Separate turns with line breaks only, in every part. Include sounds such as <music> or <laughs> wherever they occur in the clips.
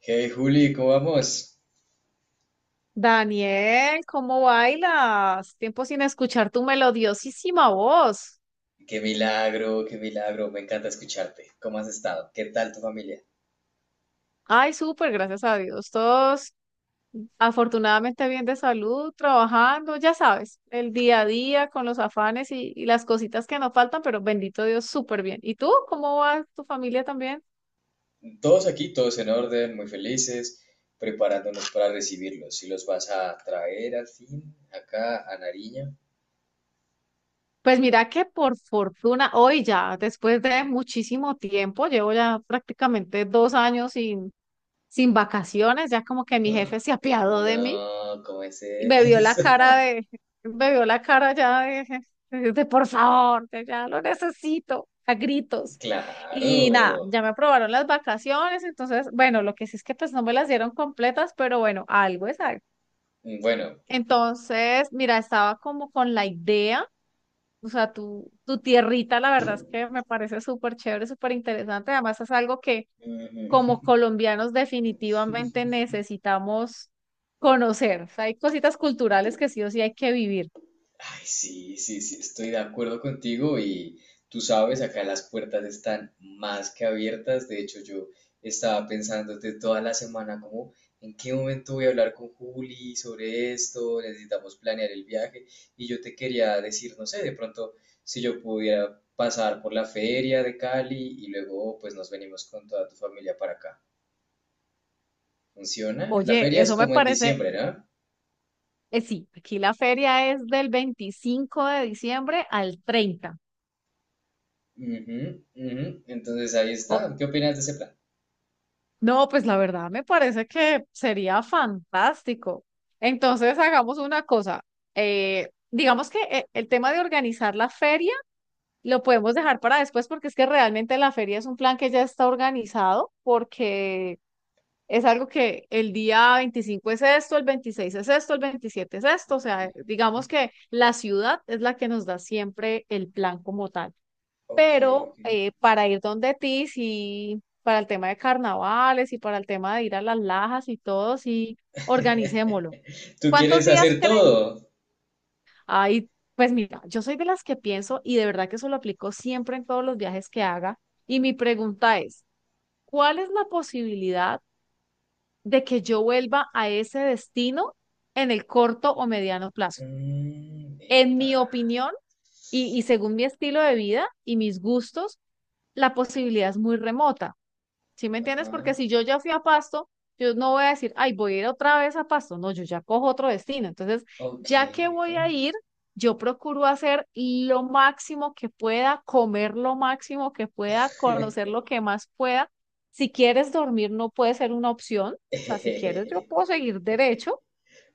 Hey Juli, ¿cómo vamos?
Daniel, ¿cómo bailas? Tiempo sin escuchar tu melodiosísima voz.
Qué milagro, me encanta escucharte. ¿Cómo has estado? ¿Qué tal tu familia?
Ay, súper, gracias a Dios. Todos afortunadamente bien de salud, trabajando, ya sabes, el día a día con los afanes y las cositas que nos faltan, pero bendito Dios, súper bien. ¿Y tú? ¿Cómo va tu familia también?
Todos aquí, todos en orden, muy felices, preparándonos para recibirlos. ¿Si los vas a traer al fin acá a Nariño?
Pues mira que por fortuna, hoy ya, después de muchísimo tiempo, llevo ya prácticamente dos años sin vacaciones, ya como que mi jefe
Ah,
se apiadó de mí.
no, ¿cómo es
me vio la
eso?
cara de, Me vio la cara ya de por favor, de ya lo necesito, a
<laughs>
gritos. Y nada,
Claro.
ya me aprobaron las vacaciones, entonces, bueno, lo que sí es que pues no me las dieron completas, pero bueno, algo es algo.
Bueno,
Entonces, mira, estaba como con la idea, o sea, tu tierrita, la verdad es que me parece súper chévere, súper interesante, además es algo que como colombianos definitivamente necesitamos conocer, o sea, hay cositas culturales que sí o sí hay que vivir.
ay, sí, sí, sí, estoy de acuerdo contigo y tú sabes, acá las puertas están más que abiertas. De hecho, yo estaba pensando de toda la semana como en qué momento voy a hablar con Juli sobre esto, necesitamos planear el viaje y yo te quería decir, no sé, de pronto si yo pudiera pasar por la feria de Cali y luego pues nos venimos con toda tu familia para acá. ¿Funciona? La
Oye,
feria es
eso me
como en
parece,
diciembre, ¿no?
sí, aquí la feria es del 25 de diciembre al 30.
Ujú, ujú. Entonces ahí
O-
está. ¿Qué opinas de ese plan?
no, pues la verdad me parece que sería fantástico. Entonces hagamos una cosa, digamos que el tema de organizar la feria lo podemos dejar para después porque es que realmente la feria es un plan que ya está organizado porque es algo que el día 25 es esto, el 26 es esto, el 27 es esto, o
Ok,
sea,
ok.
digamos que la ciudad es la que nos da siempre el plan como tal.
Ok, ok.
Pero para ir donde ti, sí, para el tema de carnavales y para el tema de ir a las lajas y todo, sí, organicémoslo.
<laughs> ¿Tú
¿Cuántos
quieres
días
hacer
creen?
todo?
Ay, pues mira, yo soy de las que pienso y de verdad que eso lo aplico siempre en todos los viajes que haga. Y mi pregunta es, ¿cuál es la posibilidad de que yo vuelva a ese destino en el corto o mediano plazo?
Mm,
En
epa.
mi opinión y según mi estilo de vida y mis gustos, la posibilidad es muy remota. ¿Sí me entiendes? Porque
Ajá.
si yo ya fui a Pasto, yo no voy a decir, ay, voy a ir otra vez a Pasto. No, yo ya cojo otro destino. Entonces,
Ok,
ya que
ok.
voy a ir, yo procuro hacer lo máximo que pueda, comer lo máximo que pueda, conocer lo que más pueda. Si quieres dormir, no puede ser una opción. O sea, si quieres, yo puedo
<laughs>
seguir derecho.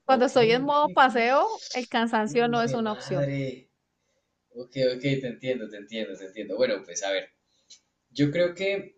Cuando
Ok,
estoy en
ok,
modo
ok.
paseo, el cansancio
Uf,
no es
de
una opción.
madre. Ok, ok, te entiendo, te entiendo, te entiendo. Bueno, pues a ver, yo creo que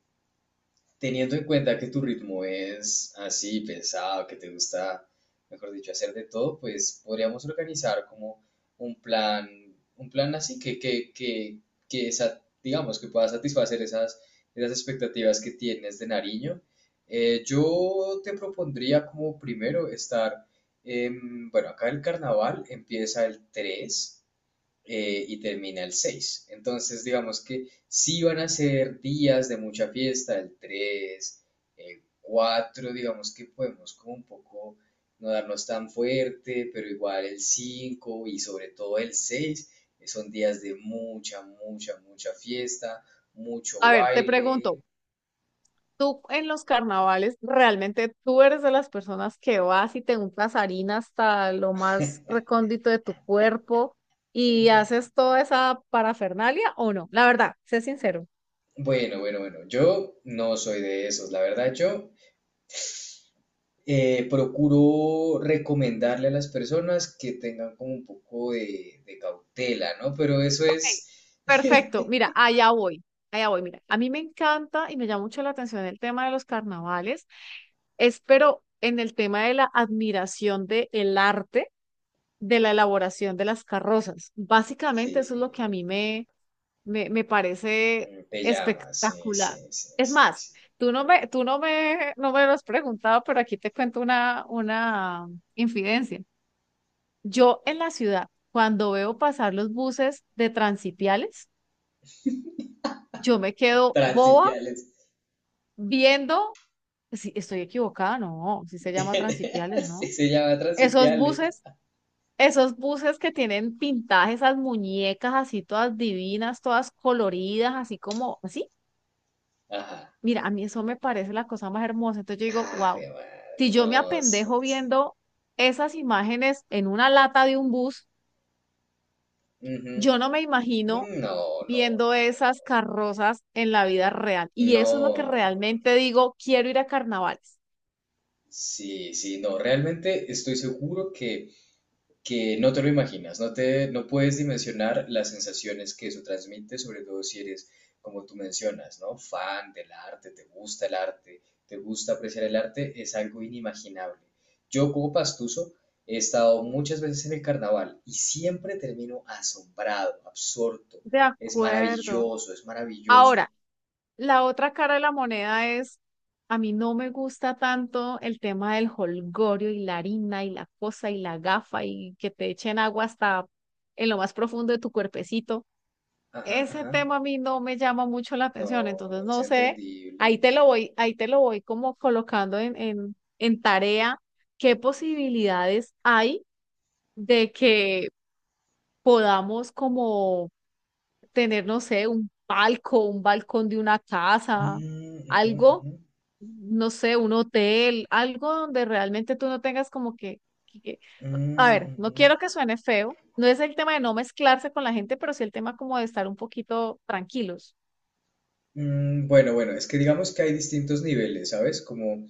teniendo en cuenta que tu ritmo es así, pesado, que te gusta, mejor dicho, hacer de todo, pues podríamos organizar como un plan, un plan así digamos, que pueda satisfacer esas, esas expectativas que tienes de Nariño. Yo te propondría como primero estar, bueno, acá el carnaval empieza el 3 y termina el 6. Entonces, digamos que sí van a ser días de mucha fiesta, el 3, el 4 digamos que podemos como un poco no darnos tan fuerte, pero igual el 5 y sobre todo el 6 son días de mucha, mucha, mucha fiesta, mucho
A ver, te
baile.
pregunto, tú en los carnavales, realmente tú eres de las personas que vas y te untas harina hasta lo más recóndito de tu cuerpo y haces toda esa parafernalia o no. La verdad, sé sincero.
Bueno, bueno, bueno, yo no soy de esos, la verdad, yo procuro recomendarle a las personas que tengan como un poco de cautela, ¿no? Pero eso
Ok,
es,
perfecto, mira, allá voy, mira, a mí me encanta y me llama mucho la atención el tema de los carnavales, es pero en el tema de la admiración del arte, de la elaboración de las carrozas.
sí,
Básicamente eso es lo que a mí me parece
mm, te llama, sí, sí,
espectacular.
sí,
Es
sí,
más,
sí.
tú no me, no me lo has preguntado, pero aquí te cuento una infidencia. Yo en la ciudad, cuando veo pasar los buses de transipiales, yo me quedo boba
Transipiales.
viendo, si estoy equivocada, no, si se llama
<laughs>
transipiales,
Sí,
¿no?
se llama
Esos
transipiales.
buses, esos buses que tienen pintajes, esas muñecas así todas divinas, todas coloridas, así como, así.
Ajá.
Mira, a mí eso me parece la cosa más hermosa. Entonces yo digo,
Ah, qué
wow, si
madre,
yo me
no, sí,
apendejo
sí.
viendo esas imágenes en una lata de un bus,
Ujú.
yo no me imagino
No, no, no,
viendo esas carrozas en la vida real. Y eso es lo que
no, no.
realmente digo, quiero ir a carnavales.
Sí, sí, no, realmente estoy seguro que no te lo imaginas, no te, no puedes dimensionar las sensaciones que eso transmite, sobre todo si eres, como tú mencionas, ¿no? Fan del arte, te gusta el arte, te gusta apreciar el arte, es algo inimaginable. Yo como pastuso he estado muchas veces en el carnaval y siempre termino asombrado, absorto.
De
Es
acuerdo.
maravilloso, es maravilloso.
Ahora, la otra cara de la moneda es, a mí no me gusta tanto el tema del jolgorio y la harina y la cosa y la gafa y que te echen agua hasta en lo más profundo de tu cuerpecito.
Ajá,
Ese
ajá.
tema a mí no me llama mucho la
No,
atención, entonces
es
no sé,
entendible.
ahí te lo voy como colocando en tarea, qué posibilidades hay de que podamos como tener, no sé, un palco, un balcón de una casa,
Mm, ujú,
algo,
ujú.
no sé, un hotel, algo donde realmente tú no tengas como que- que- a
Mm,
ver, no
ujú.
quiero que suene feo, no es el tema de no mezclarse con la gente, pero sí el tema como de estar un poquito tranquilos.
Mm, bueno, bueno, es que digamos que hay distintos niveles, ¿sabes? Como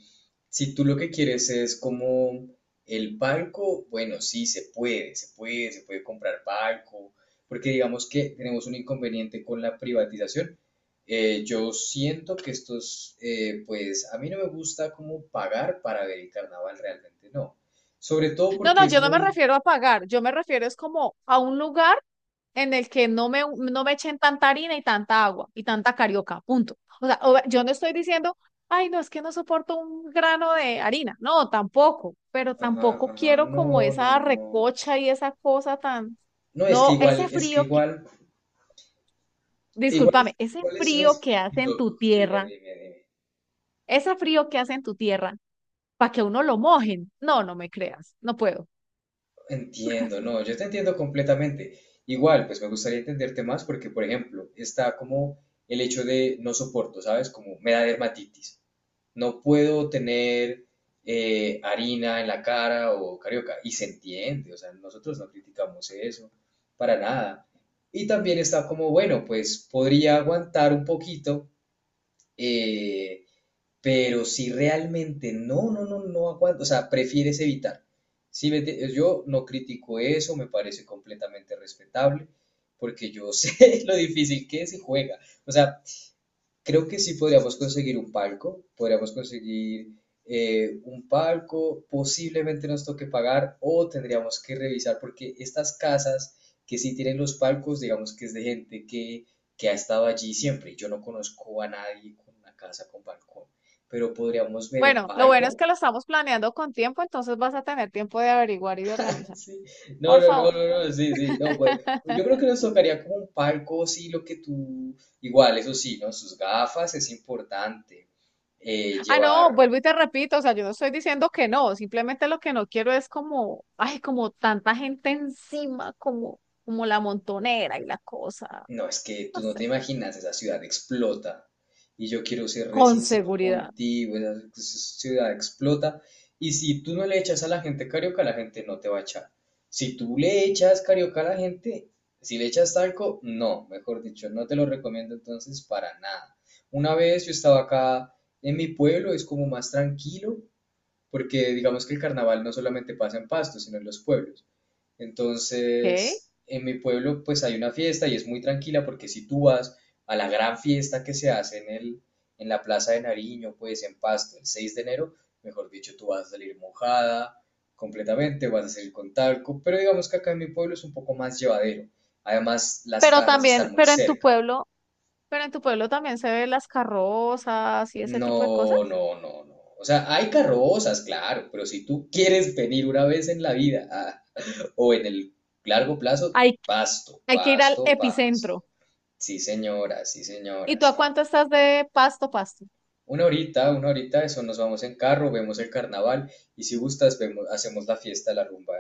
si tú lo que quieres es como el palco, bueno, sí, se puede, se puede, se puede comprar palco, porque digamos que tenemos un inconveniente con la privatización. Yo siento que estos, pues a mí no me gusta como pagar para ver el carnaval, realmente no. Sobre todo
No,
porque
no,
es
yo no me
muy...
refiero a pagar, yo me refiero es como a un lugar en el que no me echen tanta harina y tanta agua y tanta carioca, punto. O sea, yo no estoy diciendo, ay, no, es que no soporto un grano de harina, no, tampoco, pero
Ajá,
tampoco
ajá,
quiero como
no, no,
esa
no.
recocha y esa cosa tan,
No, es que
no,
igual, es que igual.
discúlpame, ese
Igual es
frío
res-
que
sí,
hace en
co-
tu
Dime,
tierra,
dime, dime.
ese frío que hace en tu tierra, para que a uno lo mojen, no, no me creas, no puedo.
Entiendo, no, yo te entiendo completamente. Igual, pues me gustaría entenderte más porque, por ejemplo, está como el hecho de no soporto, ¿sabes? Como me da dermatitis. No puedo tener harina en la cara o carioca. Y se entiende, o sea, nosotros no criticamos eso para nada. Y también está como, bueno, pues podría aguantar un poquito. eh, pero si realmente no, no, no, no aguanto, o sea, prefieres evitar. Yo no critico eso, me parece completamente respetable, porque yo <laughs> sé lo difícil que se juega. O sea, creo que sí podríamos conseguir un palco, podríamos conseguir un palco, posiblemente nos toque pagar o tendríamos que revisar porque estas casas que sí tienen los palcos, digamos que es de gente que ha estado allí siempre. Yo no conozco a nadie con una casa con balcón, pero podríamos ver un
Bueno, lo bueno es
palco.
que lo estamos planeando con tiempo, entonces vas a tener tiempo de averiguar y de
<laughs>
organizar.
Sí. No,
Por
no, no,
favor.
no, no, sí, sí, no, pues yo creo
<laughs>
que nos tocaría como un palco, sí, lo que tú, igual, eso sí, ¿no? Sus gafas es importante,
Ah, no,
llevar.
vuelvo y te repito, o sea, yo no estoy diciendo que no, simplemente lo que no quiero es como, ay, como tanta gente encima, como, como la montonera y la cosa,
No, es que
no
tú no te
sé,
imaginas, esa ciudad explota. Y yo quiero ser re
con
sincero
seguridad,
contigo, esa ciudad explota. Y si tú no le echas a la gente carioca, la gente no te va a echar. Si tú le echas carioca a la gente, si le echas talco, no, mejor dicho, no te lo recomiendo entonces para nada. Una vez yo estaba acá en mi pueblo, es como más tranquilo, porque digamos que el carnaval no solamente pasa en Pasto, sino en los pueblos.
¿ok?
Entonces, en mi pueblo pues hay una fiesta y es muy tranquila porque si tú vas a la gran fiesta que se hace en la Plaza de Nariño, pues en Pasto, el 6 de enero, mejor dicho, tú vas a salir mojada completamente, vas a salir con talco, pero digamos que acá en mi pueblo es un poco más llevadero. Además, las
Pero
casas están
también,
muy cerca.
pero en tu pueblo también se ven las carrozas y ese
No,
tipo de cosas.
no, no, no. O sea, hay carrozas, claro, pero si tú quieres venir una vez en la vida a o en el largo plazo,
Hay,
Pasto,
hay que ir al
Pasto, Pasto.
epicentro.
Sí, señora, sí,
¿Y
señora,
tú a
sí.
cuánto estás de Pasto, Pasto?
Una horita, eso nos vamos en carro, vemos el carnaval y si gustas hacemos la fiesta, la rumba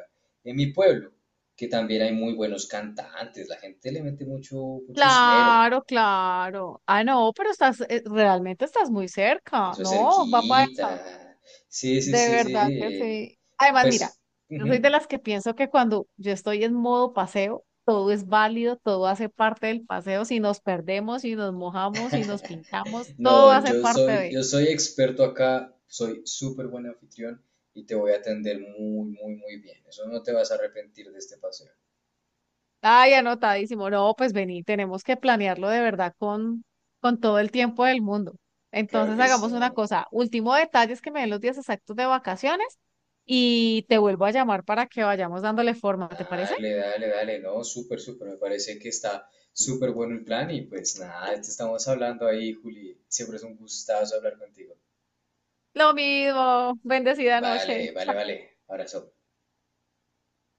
en mi pueblo, que también hay muy buenos cantantes, la gente le mete mucho, mucho esmero,
Claro, claro. Ah, no, pero estás, realmente estás muy cerca.
eso es
No, va para esa.
cerquita. Sí, sí,
De
sí,
verdad que
sí.
sí. Además, mira,
Pues,
yo soy de
ujú.
las que pienso que cuando yo estoy en modo paseo, todo es válido, todo hace parte del paseo. Si nos perdemos, si nos mojamos, si nos pinchamos,
<laughs>
todo
No,
hace
yo soy,
parte.
yo soy experto acá, soy súper buen anfitrión y te voy a atender muy, muy, muy bien. Eso no te vas a arrepentir de este paseo.
Ay, anotadísimo. No, pues vení, tenemos que planearlo de verdad con todo el tiempo del mundo.
Claro
Entonces
que sí.
hagamos una cosa. Último detalle es que me den los días exactos de vacaciones y te vuelvo a llamar para que vayamos dándole forma, ¿te parece?
Dale, dale, dale. No, súper, súper. Me parece que está súper bueno el plan y pues nada, te estamos hablando ahí, Juli. Siempre es un gustazo hablar contigo.
Lo mismo. Bendecida noche.
Vale, vale,
Chao.
vale. Abrazo.